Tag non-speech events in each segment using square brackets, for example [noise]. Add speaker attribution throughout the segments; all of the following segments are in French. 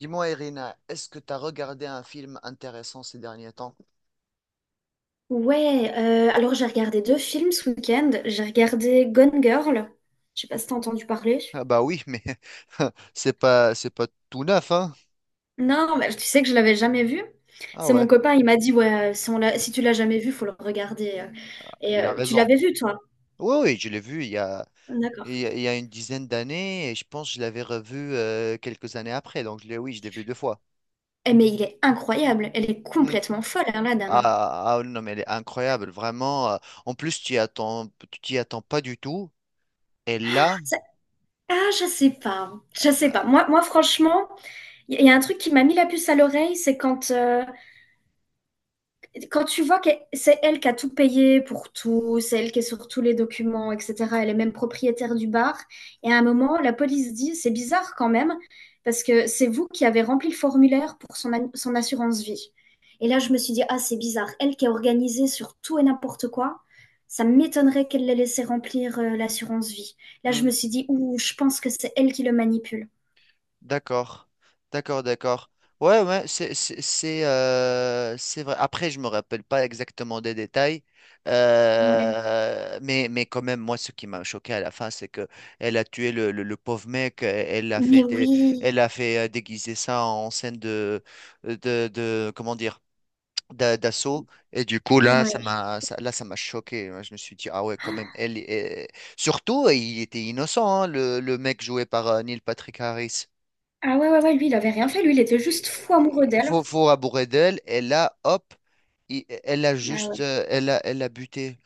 Speaker 1: Dis-moi, Irina, est-ce que tu as regardé un film intéressant ces derniers temps?
Speaker 2: Ouais, alors j'ai regardé deux films ce week-end. J'ai regardé Gone Girl. Je sais pas si t'as entendu parler.
Speaker 1: Ah bah oui, mais [laughs] c'est pas tout neuf, hein?
Speaker 2: Non, mais tu sais que je l'avais jamais vu.
Speaker 1: Ah
Speaker 2: C'est mon
Speaker 1: ouais,
Speaker 2: copain, il m'a dit, ouais, si, si tu l'as jamais vu, faut le regarder. Et
Speaker 1: il a
Speaker 2: tu
Speaker 1: raison.
Speaker 2: l'avais vu, toi?
Speaker 1: Oui, oui, je l'ai vu il y a, il
Speaker 2: D'accord.
Speaker 1: y a, il y a une dizaine d'années et je pense que je l'avais revu quelques années après. Donc oui, je l'ai vu deux fois.
Speaker 2: Eh, mais il est incroyable. Elle est
Speaker 1: Hmm.
Speaker 2: complètement folle, hein, la dame. Hein.
Speaker 1: Ah, ah, non, mais elle est incroyable, vraiment. En plus, tu t'y attends pas du tout. Et là.
Speaker 2: Ça- Ah, je sais pas. Je
Speaker 1: euh,
Speaker 2: sais pas.
Speaker 1: bah,
Speaker 2: Moi, franchement, y a un truc qui m'a mis la puce à l'oreille, c'est quand quand tu vois que c'est elle qui a tout payé pour tout, c'est elle qui est sur tous les documents, etc., elle est même propriétaire du bar, et à un moment, la police dit, c'est bizarre quand même, parce que c'est vous qui avez rempli le formulaire pour son assurance vie. Et là, je me suis dit, ah, c'est bizarre, elle qui est organisée sur tout et n'importe quoi, ça m'étonnerait qu'elle l'ait laissé remplir l'assurance vie. Là, je me suis dit, ouh, je pense que c'est elle qui le manipule.
Speaker 1: D'accord, d'accord, d'accord. Ouais, ouais, c'est vrai. Après, je me rappelle pas exactement des détails,
Speaker 2: Ouais.
Speaker 1: mais quand même, moi, ce qui m'a choqué à la fin, c'est que elle a tué le pauvre mec. Elle a
Speaker 2: Mais
Speaker 1: fait dé-
Speaker 2: oui.
Speaker 1: elle a fait déguiser ça en scène de, comment dire, d'assaut. Et du coup,
Speaker 2: Ouais.
Speaker 1: là, ça m'a choqué. Je me suis dit, ah ouais, quand même. Surtout, il était innocent, hein, le mec joué par Neil Patrick Harris.
Speaker 2: Ah ouais, ouais, ouais, lui, il avait rien
Speaker 1: il
Speaker 2: fait, lui, il était juste fou amoureux
Speaker 1: il
Speaker 2: d'elle.
Speaker 1: faut, faut rabourer d'elle, et là, hop, elle a
Speaker 2: Ah
Speaker 1: juste,
Speaker 2: ouais.
Speaker 1: elle a buté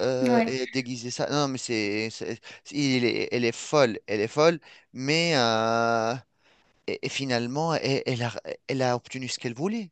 Speaker 2: Ouais.
Speaker 1: et a déguisé ça. Non, mais elle est folle, mais euh, et finalement, elle a obtenu ce qu'elle voulait.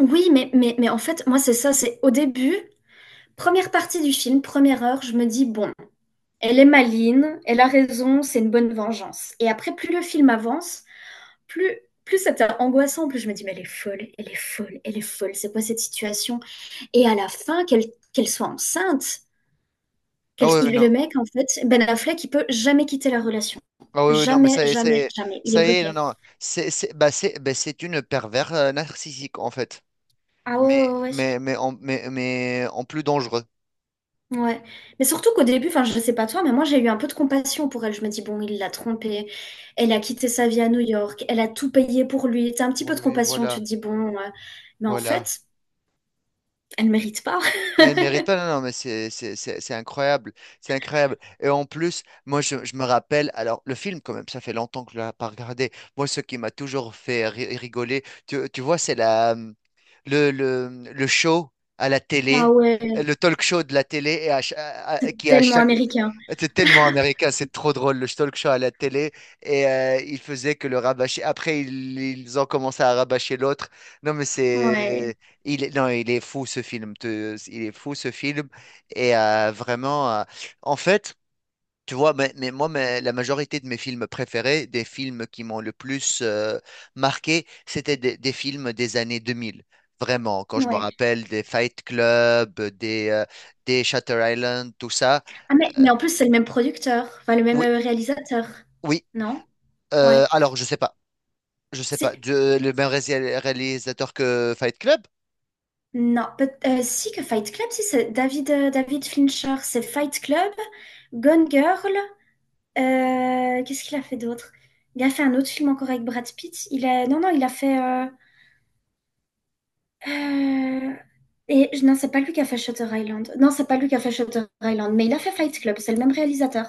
Speaker 2: Oui, mais en fait, moi, c'est ça, c'est au début, première partie du film, première heure, je me dis, bon, elle est maligne, elle a raison, c'est une bonne vengeance. Et après, plus le film avance, plus, plus c'était angoissant, plus je me dis, mais elle est folle, elle est folle, elle est folle, c'est quoi cette situation? Et à la fin, qu'elle soit enceinte,
Speaker 1: Ah oui, non.
Speaker 2: le mec, en fait, Ben Affleck, il peut jamais quitter la relation.
Speaker 1: Ah oui, oui, non, mais
Speaker 2: Jamais, jamais, jamais. Il est
Speaker 1: ça y est, non,
Speaker 2: bloqué.
Speaker 1: non, c'est une pervers narcissique en fait,
Speaker 2: Ah ouais, ouais, ouais, ouais.
Speaker 1: mais en plus dangereux
Speaker 2: Ouais, mais surtout qu'au début, enfin, je sais pas toi, mais moi j'ai eu un peu de compassion pour elle. Je me dis, bon, il l'a trompée, elle a quitté sa vie à New York, elle a tout payé pour lui. T'as un petit
Speaker 1: pour
Speaker 2: peu de
Speaker 1: lui,
Speaker 2: compassion, tu
Speaker 1: voilà,
Speaker 2: te dis, bon, mais en
Speaker 1: voilà.
Speaker 2: fait, elle mérite pas. [laughs]
Speaker 1: Elle mérite pas, non, non, mais c'est incroyable, c'est incroyable. Et en plus, moi, je me rappelle, alors, le film, quand même, ça fait longtemps que je l'ai pas regardé. Moi, ce qui m'a toujours fait rigoler, tu vois, c'est la, mmh, le, mmh, le show à la
Speaker 2: Ah
Speaker 1: télé,
Speaker 2: ouais,
Speaker 1: le talk show de la télé, et à ch- à- qui à
Speaker 2: tellement
Speaker 1: chaque.
Speaker 2: américain.
Speaker 1: C'est tellement américain, c'est trop drôle, le talk show à la télé, et il faisait que le rabâcher. Après, ils ont commencé à rabâcher l'autre. Non, mais
Speaker 2: Ouais,
Speaker 1: c'est. Non, il est fou ce film. Il est fou ce film. Et vraiment, en fait, tu vois, mais moi, mais la majorité de mes films préférés, des films qui m'ont le plus marqué, c'était des films des années 2000. Vraiment, quand je me
Speaker 2: ouais.
Speaker 1: rappelle des Fight Club, des Shutter Island, tout ça.
Speaker 2: Ah, mais en plus, c'est le même producteur, enfin, le même
Speaker 1: Oui,
Speaker 2: réalisateur,
Speaker 1: oui.
Speaker 2: non? Ouais.
Speaker 1: Alors, je sais pas. Je sais
Speaker 2: Si,
Speaker 1: pas. Le même réalisateur que Fight Club?
Speaker 2: non, peut- Si que Fight Club, si c'est David, David Fincher, c'est Fight Club, Gone Girl. Qu'est-ce qu'il a fait d'autre? Il a fait un autre film encore avec Brad Pitt. Il a... Non, non, il a fait... euh, Et non, c'est pas lui qui a fait Shutter Island. Non, c'est pas lui qui a fait Shutter Island, mais il a fait Fight Club. C'est le même réalisateur.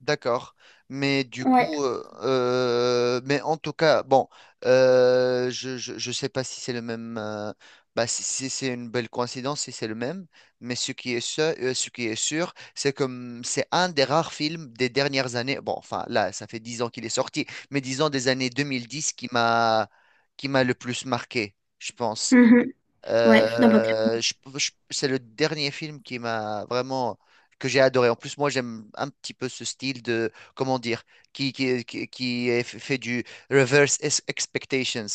Speaker 1: D'accord. Mais du
Speaker 2: Ouais.
Speaker 1: coup, mais en tout cas, bon, je sais pas si c'est le même, bah, si c'est une belle coïncidence, si c'est le même, mais ce qui est sûr, c'est comme c'est un des rares films des dernières années, bon, enfin là, ça fait 10 ans qu'il est sorti, mais disons des années 2010 qui m'a le plus marqué, je pense.
Speaker 2: Mhm. Ouais, non, bah,
Speaker 1: C'est le dernier film qui m'a vraiment que j'ai adoré. En plus, moi, j'aime un petit peu ce style de, comment dire, qui est fait du reverse expectations.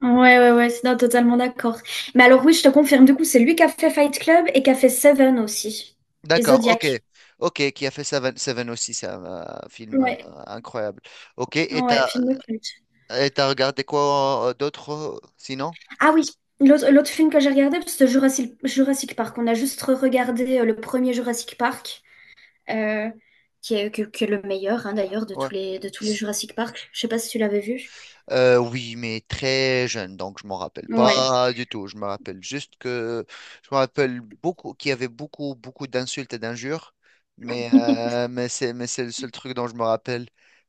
Speaker 2: Ouais, ouais, ouais, non, totalement d'accord. Mais alors oui, je te confirme, du coup, c'est lui qui a fait Fight Club et qui a fait Seven aussi. Et
Speaker 1: D'accord, ok,
Speaker 2: Zodiac.
Speaker 1: ok, qui a fait Seven, Seven aussi, c'est un, film
Speaker 2: Ouais,
Speaker 1: incroyable. Ok, et
Speaker 2: ouais,
Speaker 1: t'as,
Speaker 2: film de culte.
Speaker 1: et t'as regardé quoi d'autre sinon?
Speaker 2: Ah oui, l'autre film que j'ai regardé, c'est Jurassic Park. On a juste regardé le premier Jurassic Park. euh, qui est, qui est le meilleur, hein, d'ailleurs,
Speaker 1: Ouais.
Speaker 2: de tous les Jurassic Park. Je sais pas si tu l'avais vu.
Speaker 1: Oui, mais très jeune, donc je m'en rappelle
Speaker 2: Ouais.
Speaker 1: pas du tout. Je me rappelle beaucoup qu'il y avait beaucoup, beaucoup d'insultes et d'injures, mais
Speaker 2: [laughs]
Speaker 1: euh, mais c'est mais c'est le seul truc dont je me rappelle.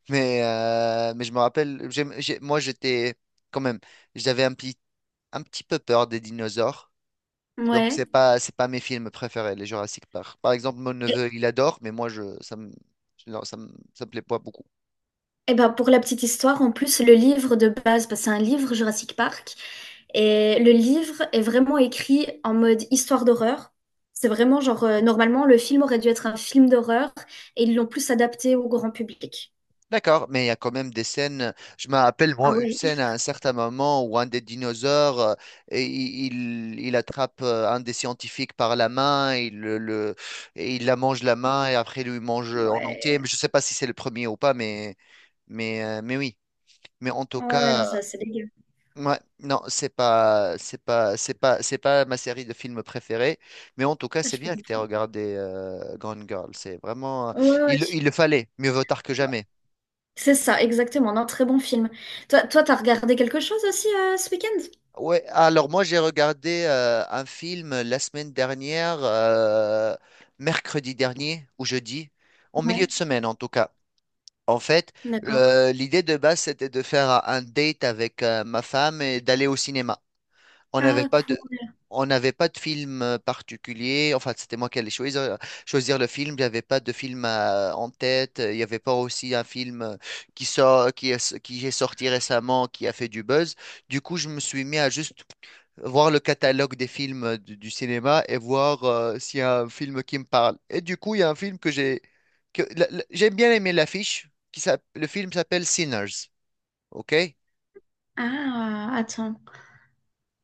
Speaker 1: Mais je me rappelle, moi j'étais quand même, j'avais un petit peu peur des dinosaures, donc c'est
Speaker 2: Ouais.
Speaker 1: pas c'est pas mes films préférés, les Jurassic Park. Par exemple, mon
Speaker 2: Et,
Speaker 1: neveu il adore, mais moi je ça me non, ça me plaît pas beaucoup.
Speaker 2: et ben pour la petite histoire, en plus, le livre de base, parce que c'est un livre Jurassic Park, et le livre est vraiment écrit en mode histoire d'horreur. C'est vraiment genre, normalement, le film aurait dû être un film d'horreur, et ils l'ont plus adapté au grand public.
Speaker 1: D'accord, mais il y a quand même des scènes. Je me rappelle,
Speaker 2: Ah
Speaker 1: moi, une
Speaker 2: ouais.
Speaker 1: scène à un certain moment où un des dinosaures, et il attrape un des scientifiques par la main, et il la mange la main et après il lui mange en entier. Mais
Speaker 2: Ouais,
Speaker 1: je ne sais pas si c'est le premier ou pas, mais oui. Mais en tout
Speaker 2: ouais, ouais, non,
Speaker 1: cas,
Speaker 2: ça, c'est dégueu.
Speaker 1: ouais, non, c'est pas ma série de films préférée. Mais en tout cas, c'est
Speaker 2: Je peux
Speaker 1: bien que tu aies
Speaker 2: comprendre.
Speaker 1: regardé Gone Girl. C'est vraiment,
Speaker 2: Ouais, ouais,
Speaker 1: il le fallait. Mieux vaut tard que jamais.
Speaker 2: c'est ça, exactement. Non, très bon film. Toi, t'as regardé quelque chose aussi ce week-end?
Speaker 1: Ouais, alors moi j'ai regardé un film la semaine dernière, mercredi dernier ou jeudi, en milieu de
Speaker 2: Ouais,
Speaker 1: semaine en tout cas. En fait,
Speaker 2: d'accord.
Speaker 1: l'idée de base c'était de faire un date avec ma femme et d'aller au cinéma. On n'avait
Speaker 2: Ah,
Speaker 1: pas
Speaker 2: cool.
Speaker 1: de, on n'avait pas de film particulier. Enfin, c'était moi qui allais choisir, le film. J'avais pas de film en tête. Il n'y avait pas aussi un film qui est sorti récemment, qui a fait du buzz. Du coup, je me suis mis à juste voir le catalogue des films du cinéma et voir s'il y a un film qui me parle. Et du coup, il y a un film que j'ai que la- la- j'ai bien aimé l'affiche, le film s'appelle Sinners, ok?
Speaker 2: Ah, attends.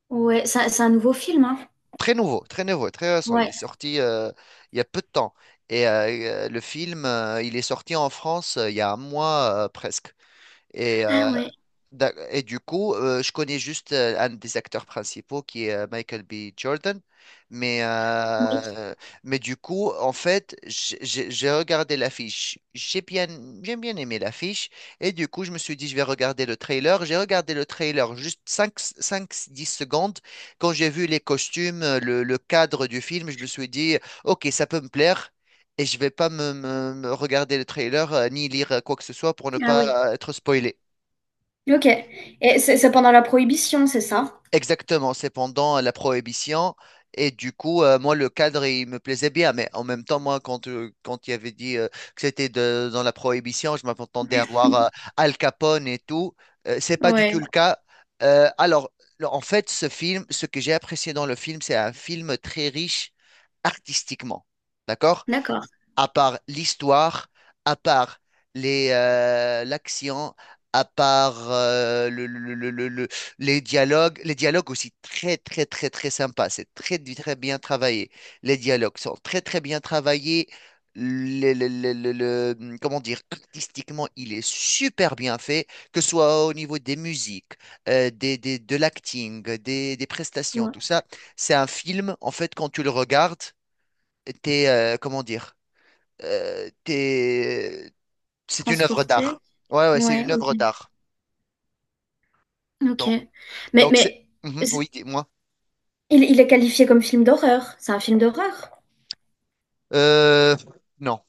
Speaker 2: Ouais, c'est un nouveau film, hein?
Speaker 1: Très nouveau, très nouveau, très récent. Il est
Speaker 2: Ouais.
Speaker 1: sorti il y a peu de temps. Et le film, il est sorti en France il y a un mois presque. Et
Speaker 2: Ah
Speaker 1: euh,
Speaker 2: ouais,
Speaker 1: Et du coup, je connais juste un des acteurs principaux qui est Michael B. Jordan. Mais,
Speaker 2: oui.
Speaker 1: euh, mais du coup, en fait, j'ai regardé l'affiche. J'ai bien aimé l'affiche. Et du coup, je me suis dit, je vais regarder le trailer. J'ai regardé le trailer juste cinq, 10 secondes. Quand j'ai vu les costumes, le cadre du film, je me suis dit, ok, ça peut me plaire. Et je vais pas me regarder le trailer, ni lire quoi que ce soit pour ne
Speaker 2: Ah oui.
Speaker 1: pas être spoilé.
Speaker 2: Ok. Et c'est pendant la Prohibition, c'est ça?
Speaker 1: Exactement, c'est pendant la Prohibition. Et du coup, moi, le cadre, il me plaisait bien. Mais en même temps, moi, quand il avait dit que c'était dans la Prohibition, je m'attendais à voir Al Capone et tout. C'est pas du
Speaker 2: Ouais,
Speaker 1: tout le cas. Alors, en fait, ce film, ce que j'ai apprécié dans le film, c'est un film très riche artistiquement. D'accord?
Speaker 2: d'accord.
Speaker 1: À part l'histoire, à part les l'action, à part les dialogues. Les dialogues aussi très très très très sympa. C'est très très bien travaillé. Les dialogues sont très très bien travaillés. Comment dire, artistiquement, il est super bien fait, que ce soit au niveau des musiques, de l'acting, des prestations,
Speaker 2: Ouais.
Speaker 1: tout ça. C'est un film, en fait, quand tu le regardes, comment dire, euh, t'es- c'est une œuvre
Speaker 2: Transporté.
Speaker 1: d'art. Ouais, ouais, c'est
Speaker 2: Ouais,
Speaker 1: une œuvre
Speaker 2: ok.
Speaker 1: d'art.
Speaker 2: Ok.
Speaker 1: Donc,
Speaker 2: Mais,
Speaker 1: donc c'est.
Speaker 2: mais
Speaker 1: Mhm,
Speaker 2: c-
Speaker 1: oui, dis-moi.
Speaker 2: il est qualifié comme film d'horreur. C'est un film d'horreur?
Speaker 1: Euh, non,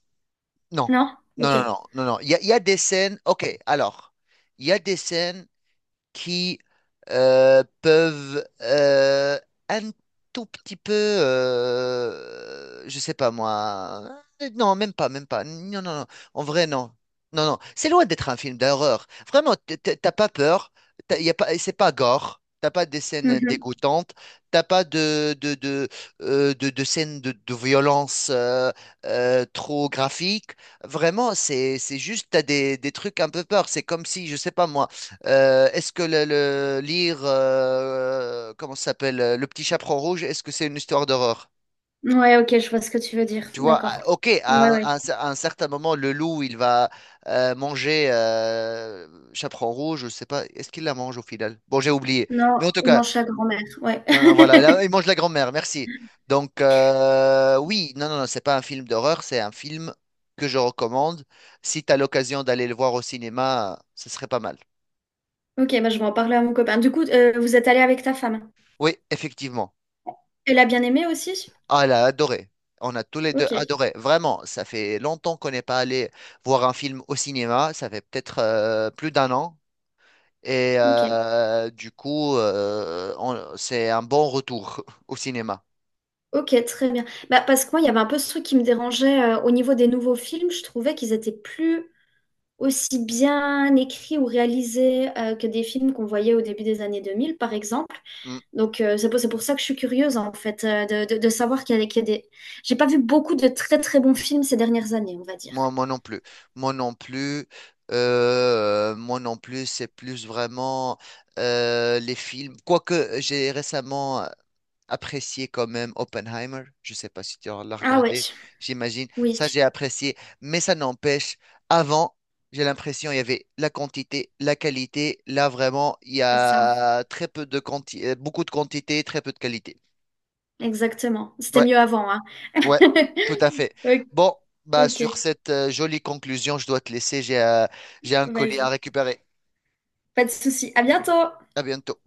Speaker 1: non,
Speaker 2: Non?
Speaker 1: non,
Speaker 2: Ok.
Speaker 1: non, non, non, non. Il y a des scènes. Ok, alors, il y a des scènes qui peuvent un tout petit peu, je sais pas moi, non, même pas, non, non, non, en vrai, non, non, non, c'est loin d'être un film d'horreur. Vraiment, t'as pas peur, y a pas, c'est pas gore. T'as pas des scènes
Speaker 2: Mhm.
Speaker 1: dégoûtantes, t'as pas de scènes de violence trop graphiques. Vraiment, c'est juste t'as des trucs un peu peur. C'est comme si, je sais pas moi. Est-ce que lire, comment ça s'appelle, Le Petit Chaperon Rouge, est-ce que c'est une histoire d'horreur?
Speaker 2: Ouais, ok, je vois ce que tu veux dire.
Speaker 1: Tu vois, ah,
Speaker 2: D'accord.
Speaker 1: ok,
Speaker 2: Ouais, ouais.
Speaker 1: à un certain moment, le loup, il va manger Chaperon Rouge, je sais pas, est-ce qu'il la mange au final? Bon, j'ai oublié.
Speaker 2: Non,
Speaker 1: Mais en tout
Speaker 2: il
Speaker 1: cas,
Speaker 2: mange sa grand-mère, ouais.
Speaker 1: non, non,
Speaker 2: [laughs]
Speaker 1: voilà, là, il mange la grand-mère, merci. Donc, oui, non, non, non, c'est pas un film d'horreur, c'est un film que je recommande. Si tu as l'occasion d'aller le voir au cinéma, ce serait pas mal.
Speaker 2: Ok, bah je vais en parler à mon copain. Du coup, vous êtes allé avec ta femme.
Speaker 1: Oui, effectivement.
Speaker 2: Elle a bien aimé aussi?
Speaker 1: Ah, elle a adoré. On a tous les deux
Speaker 2: Ok,
Speaker 1: adoré. Vraiment, ça fait longtemps qu'on n'est pas allé voir un film au cinéma. Ça fait peut-être plus d'un an. Et
Speaker 2: ok,
Speaker 1: du coup, c'est un bon retour [laughs] au cinéma.
Speaker 2: ok, très bien. Bah, parce que moi, il y avait un peu ce truc qui me dérangeait au niveau des nouveaux films. Je trouvais qu'ils étaient plus aussi bien écrits ou réalisés que des films qu'on voyait au début des années 2000, par exemple.
Speaker 1: Mm.
Speaker 2: Donc, c'est c'est pour ça que je suis curieuse, en fait, de savoir qu'il y a des... J'ai pas vu beaucoup de très, très bons films ces dernières années, on va dire.
Speaker 1: Moi, moi non plus. Moi non plus. Moi non plus, c'est plus vraiment les films. Quoique j'ai récemment apprécié quand même Oppenheimer. Je sais pas si tu l'as
Speaker 2: Ah ouais,
Speaker 1: regardé, j'imagine.
Speaker 2: oui,
Speaker 1: Ça, j'ai apprécié. Mais ça n'empêche, avant, j'ai l'impression il y avait la quantité, la qualité. Là, vraiment, il y
Speaker 2: c'est ça.
Speaker 1: a très peu de quantité, beaucoup de quantité, très peu de qualité.
Speaker 2: Exactement. C'était mieux avant, hein.
Speaker 1: Ouais, tout à
Speaker 2: [laughs]
Speaker 1: fait.
Speaker 2: Ok,
Speaker 1: Bon, bah
Speaker 2: ok,
Speaker 1: sur cette jolie conclusion, je dois te laisser. J'ai un colis à
Speaker 2: vas-y.
Speaker 1: récupérer.
Speaker 2: Pas de souci. À bientôt!
Speaker 1: À bientôt.